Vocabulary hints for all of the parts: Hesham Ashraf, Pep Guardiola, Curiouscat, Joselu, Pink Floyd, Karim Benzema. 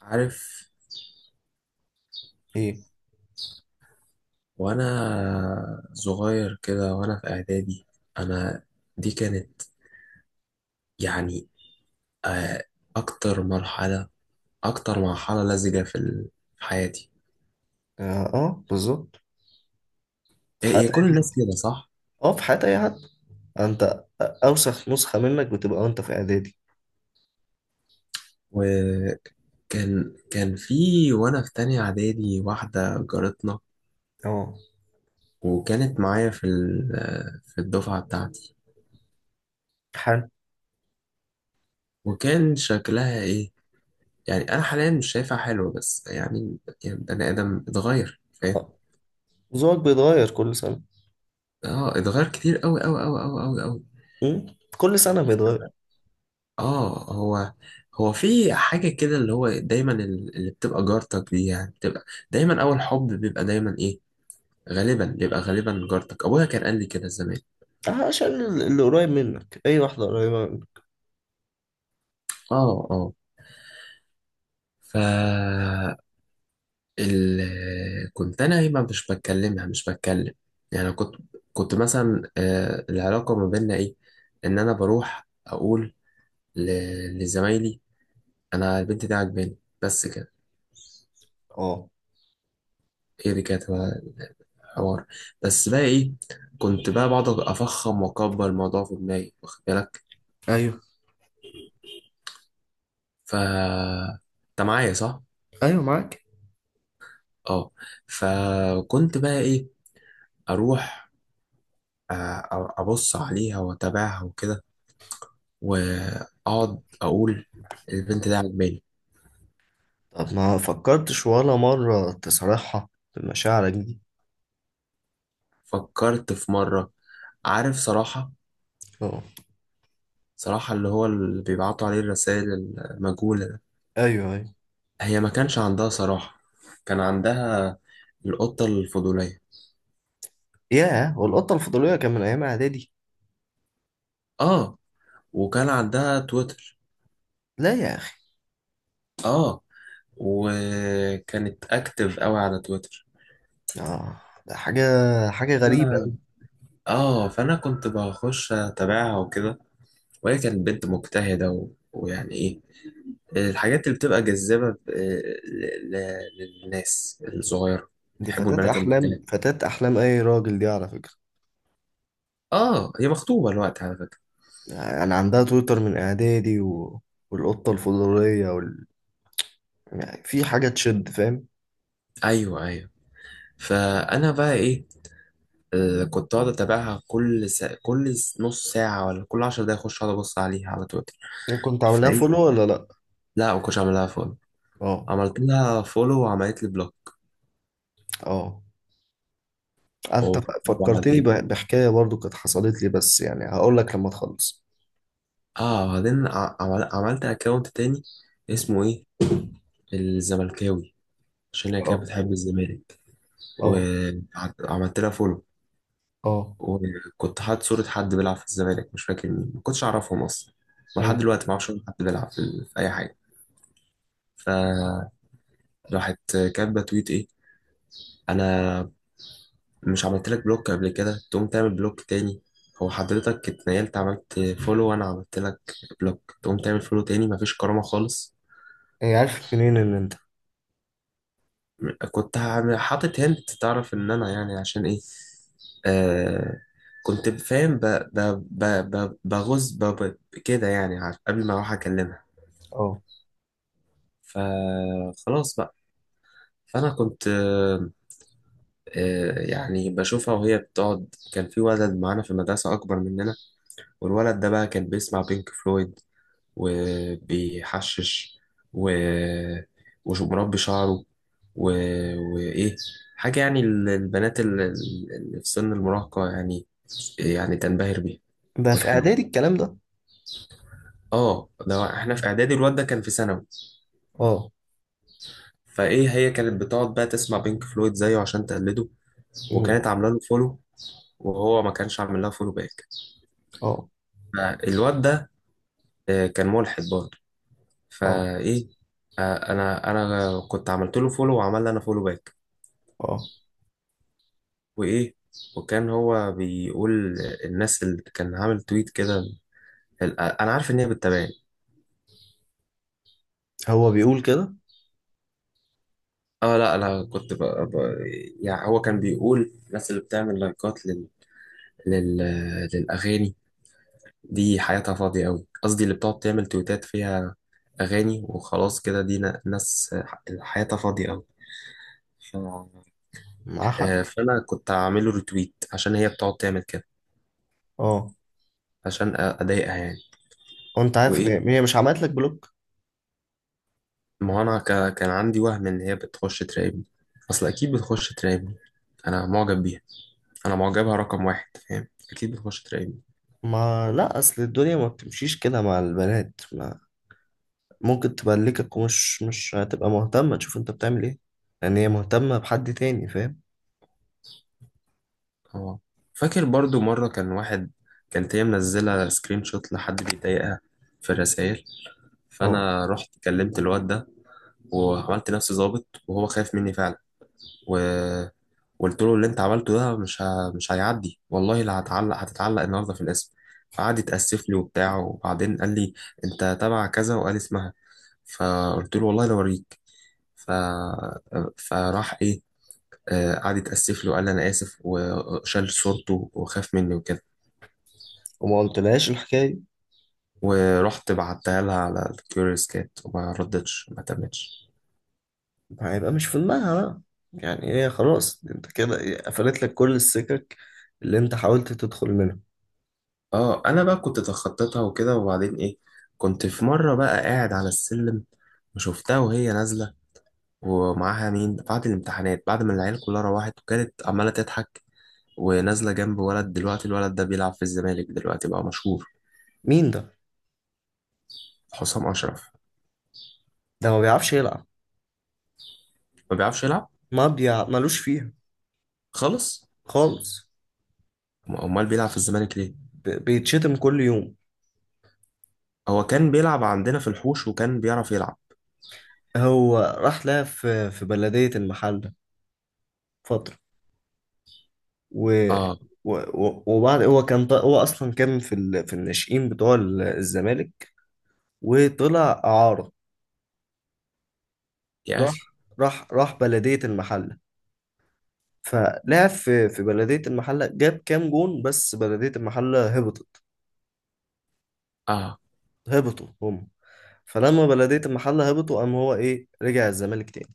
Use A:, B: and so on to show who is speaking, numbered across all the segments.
A: عارف.
B: ايه.
A: وانا صغير كده وانا في اعدادي، انا دي كانت يعني آه، اكتر مرحلة، اكتر مرحلة لزجة في حياتي.
B: اه، آه، بالظبط. في حياة
A: هي كل الناس كده، صح؟
B: اه في حياة اي حد. انت اوسخ نسخة منك بتبقى وانت في اعدادي.
A: وكان كان في، وانا في تانية اعدادي، واحدة جارتنا،
B: اه.
A: وكانت معايا في ال- آه، في الدفعة بتاعتي.
B: حال.
A: وكان شكلها ايه؟ يعني انا حاليا مش شايفها حلوة، بس يعني، يعني بني ادم اتغير، فاهم؟
B: آه، ذوقك بيتغير كل سنة.
A: اه اتغير كتير، قوي قوي قوي قوي قوي قوي.
B: مم؟ كل سنة بيتغير.
A: اه، هو في حاجة كده، اللي هو دايما اللي بتبقى جارتك دي، يعني بتبقى دايما أول حب، بيبقى دايما إيه، غالبا بيبقى، غالبا جارتك. أبويا كان قال لي كده زمان.
B: عشان اللي قريب منك، اي واحدة قريبة منك.
A: اه اه. ف ال... كنت أنا إيه، ما مش بتكلمها، مش بتكلم، يعني كنت، كنت مثلا آه، العلاقة ما بيننا إيه، إن أنا بروح أقول ل... لزمايلي أنا البنت دي عجباني، بس كده.
B: اه،
A: هي دي كانت حوار، بس بقى ايه، كنت بقى بقعد افخم واكبر الموضوع في دماغي، واخد بالك؟
B: ايوه،
A: ف انت معايا، صح؟
B: ايوه، معاك.
A: اه. فكنت بقى ايه، اروح ابص عليها واتابعها وكده، واقعد اقول البنت دي عجباني.
B: طب ما فكرتش ولا مرة تصارحها بمشاعرك دي؟
A: فكرت في مره، عارف، صراحه،
B: اه،
A: صراحه اللي هو اللي بيبعتوا عليه الرسائل المجهوله ده.
B: ايوه، ايوه.
A: هي ما كانش عندها صراحه، كان عندها القطه الفضوليه.
B: ياه، والقطة الفضولية كان من ايام اعدادي؟
A: اه، وكان عندها تويتر.
B: لا يا اخي.
A: اه، وكانت اكتف قوي على تويتر.
B: اه. ده حاجة غريبة.
A: انا اه فانا كنت بخش اتابعها وكده، وهي كانت بنت مجتهده ويعني ايه، الحاجات اللي بتبقى جذابه للناس الصغيره،
B: دي
A: بيحبوا
B: فتاة
A: البنات المجتهده.
B: أحلام، فتاة أحلام أي راجل دي على فكرة.
A: اه هي مخطوبه الوقت على فكره.
B: يعني عندها تويتر من إعدادي والقطة الفضولية يعني في حاجة تشد، فاهم.
A: ايوه ايوه. فانا بقى ايه، كنت اقعد اتابعها كل نص ساعه ولا كل 10 دقايق اخش اقعد ابص عليها على تويتر.
B: يعني كنت عاملها
A: فايه،
B: فولو ولا لأ؟
A: لا ما كنتش اعملها.
B: اه،
A: عملت لها فولو وعملت لي بلوك.
B: اه. أنت فكرتني
A: وبعدين
B: بحكاية برضو كانت حصلت لي، بس يعني هقول لك لما تخلص.
A: اه بعدين عملت اكونت تاني،
B: م.
A: اسمه ايه، الزملكاوي، عشان هي كانت
B: اه،
A: بتحب الزمالك.
B: اه،
A: وعملت لها فولو،
B: اه.
A: وكنت حاطط صورة حد بيلعب في الزمالك، مش فاكر مين، ما كنتش اعرفهم اصلا، ولحد
B: أيوة.
A: دلوقتي ما اعرفش ولا حد بيلعب في اي حاجة. فراحت كاتبة تويت ايه، انا مش عملت لك بلوك قبل كده تقوم تعمل بلوك تاني؟ هو حضرتك اتنقلت، عملت فولو وانا عملت لك بلوك، تقوم تعمل فولو تاني؟ مفيش كرامة خالص.
B: هي عارف منين إن أنت؟
A: حاطط هنت تعرف ان انا، يعني عشان ايه، آه، كنت فاهم بغز كده، يعني قبل ما اروح اكلمها.
B: اه.
A: فخلاص بقى. فانا كنت يعني بشوفها وهي بتقعد. كان في ولد معانا في المدرسة اكبر مننا، والولد ده بقى كان بيسمع بينك فلويد، وبيحشش و... ومربي شعره و... وإيه، حاجة يعني البنات اللي في سن المراهقة، يعني، يعني تنبهر بيها
B: ده في
A: وتحبها.
B: إعدادي الكلام ده.
A: اه ده احنا في اعدادي، الواد ده كان في ثانوي.
B: اه.
A: فايه، هي كانت بتقعد بقى تسمع بينك فلويد زيه عشان تقلده،
B: م.
A: وكانت عامله له فولو، وهو ما كانش عامل لها فولو باك.
B: اه،
A: فالواد ده كان ملحد برضه.
B: اه،
A: فايه آه، انا كنت عملت له فولو، وعمل لي انا فولو باك.
B: اه.
A: وايه، وكان هو بيقول الناس اللي كان عامل تويت كده انا عارف ان هي بتتابعني.
B: هو بيقول كده؟
A: اه لا انا كنت يعني هو كان بيقول الناس اللي بتعمل لايكات لل... للاغاني دي حياتها فاضيه قوي، قصدي اللي بتقعد تعمل تويتات فيها اغاني وخلاص كده، دي ناس حياتها فاضيه قوي. ف...
B: معاه حق.
A: آه، فانا كنت هعمله ريتويت عشان هي بتقعد تعمل كده،
B: اه.
A: عشان اضايقها يعني.
B: وانت عارف
A: وايه،
B: ان هي مش عملت لك بلوك؟
A: ما هو انا كان عندي وهم ان هي بتخش تراقبني، اصل اكيد بتخش تراقبني، انا معجب بيها، انا معجبها رقم واحد، فاهم؟ اكيد بتخش تراقبني.
B: ما لا، اصل الدنيا ما بتمشيش كده مع البنات، ما ممكن تبلكك، ومش مش هتبقى مهتمة تشوف انت بتعمل ايه، لان هي مهتمة بحد تاني، فاهم.
A: اه فاكر برضو مره كان واحد، كانت هي منزله سكرين شوت لحد بيضايقها في الرسائل،
B: اه.
A: فانا رحت كلمت الواد ده، وعملت نفسي ظابط، وهو خايف مني فعلا، و قلت له اللي انت عملته ده مش هيعدي، والله لا هتعلق، هتتعلق النهارده في الاسم. فقعد يتأسف لي وبتاع، وبعدين قال لي انت تبع كذا، وقال اسمها. فقلت له والله لو اوريك. ف... فراح ايه، قعد يتأسف لي وقال لي انا اسف، وشال صورته وخاف مني وكده.
B: وما قلتلهاش الحكاية دي؟
A: ورحت بعتها لها على الكيوريوس كات، وما ردتش، ما تمتش.
B: هيبقى مش في دماغها بقى. يعني هي خلاص انت كده ايه، قفلت لك كل السكك اللي انت حاولت تدخل منها.
A: اه انا بقى كنت تخطيتها وكده. وبعدين ايه، كنت في مرة بقى قاعد على السلم، وشفتها وهي نازلة ومعاها مين، بعد الامتحانات، بعد ما العيال كلها روحت، وكانت عمالة تضحك ونازلة جنب ولد، دلوقتي الولد ده بيلعب في الزمالك، دلوقتي بقى مشهور.
B: مين ده؟
A: حسام أشرف.
B: ده ما بيعرفش يلعب.
A: ما بيعرفش يلعب.
B: ما بيع... ملوش فيها
A: خلص.
B: خالص.
A: امال بيلعب في الزمالك ليه؟
B: بيتشتم كل يوم.
A: هو كان بيلعب عندنا في الحوش، وكان بيعرف يلعب.
B: هو راح لها في بلدية المحل فترة. و
A: اه
B: و- و- وبعد هو كان هو اصلا كان في الناشئين بتوع الزمالك، وطلع اعاره.
A: يا
B: راح
A: اخي.
B: راح بلديه المحله، فلعب في بلديه المحله، جاب كام جون، بس بلديه المحله هبطت،
A: اه
B: هبطوا هم. فلما بلديه المحله هبطوا قام هو ايه، رجع الزمالك تاني.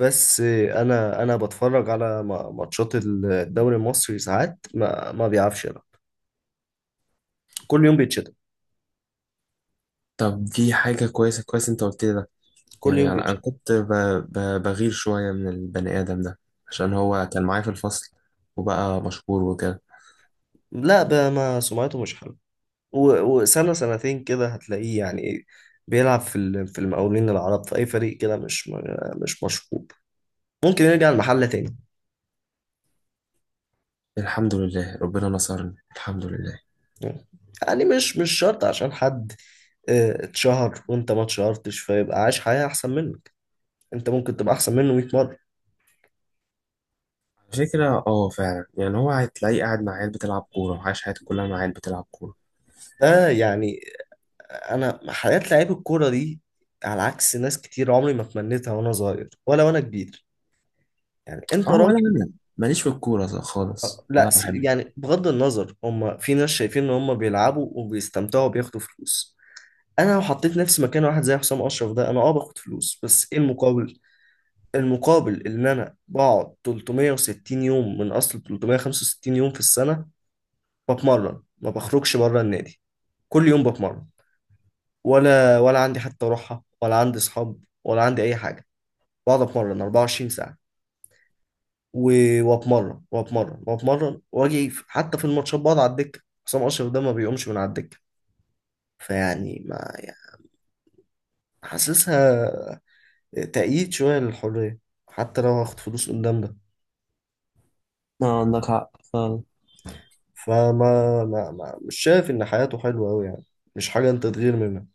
B: بس انا بتفرج على ماتشات الدوري المصري، ساعات ما بيعرفش يلعب، كل يوم بيتشتم،
A: طب دي حاجة كويسة، كويس انت قلت لي ده.
B: كل يوم
A: يعني انا
B: بيتشتم.
A: كنت بغير شوية من البني ادم ده، عشان هو كان معايا في الفصل وبقى مشهور وكده.
B: لا بقى، ما سمعته مش حلوه. وسنة سنتين كده هتلاقيه يعني ايه، بيلعب في المقاولين العرب، في أي فريق كده مش مش مشهور، ممكن يرجع المحلة تاني.
A: الحمد لله ربنا نصرني، الحمد لله.
B: يعني مش شرط عشان حد اه، اتشهر وانت ما اتشهرتش فيبقى عايش حياة أحسن منك. انت ممكن تبقى أحسن منه 100 مرة.
A: على فكرة اه فعلا، يعني هو هتلاقيه قاعد مع عيال بتلعب كورة، وعايش حياته كلها مع عيال بتلعب كورة.
B: ده يعني، أنا حياة لعيب الكورة دي، على عكس ناس كتير، عمري ما تمنيتها وأنا صغير ولا وأنا كبير. يعني انت
A: اه ولا
B: راجل.
A: انا، ماليش في الكورة خالص، ولا
B: لا،
A: بحب.
B: يعني بغض النظر، هم في ناس شايفين ان هم بيلعبوا وبيستمتعوا وبياخدوا فلوس. انا لو حطيت نفسي مكان واحد زي حسام اشرف ده، انا باخد فلوس، بس ايه المقابل؟ المقابل ان انا بقعد 360 يوم من اصل 365 يوم في السنة بتمرن، ما بخرجش بره النادي، كل يوم بتمرن، ولا عندي حتى روحة، ولا عندي اصحاب، ولا عندي اي حاجة. بقعد اتمرن 24 ساعة، واتمرن واتمرن واتمرن، واجي حتى في الماتشات بقعد على الدكه. حسام اشرف ده ما بيقومش من على الدكه. فيعني ما يعني حاسسها تأييد شويه للحريه، حتى لو هاخد فلوس قدام ده.
A: اه عندك حق فعلا.
B: فما ما ما مش شايف ان حياته حلوه قوي يعني، مش حاجه انت تغير منها.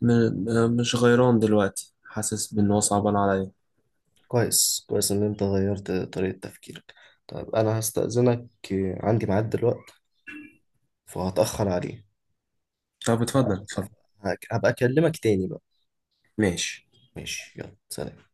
A: مش غيران دلوقتي، حاسس بإن هو صعبان عليا.
B: كويس، كويس ان انت غيرت طريقه تفكيرك. طيب انا هستأذنك، عندي ميعاد دلوقتي فهتأخر عليه.
A: طب اتفضل اتفضل.
B: هبقى اكلمك تاني بقى.
A: ماشي.
B: ماشي، يلا سلام.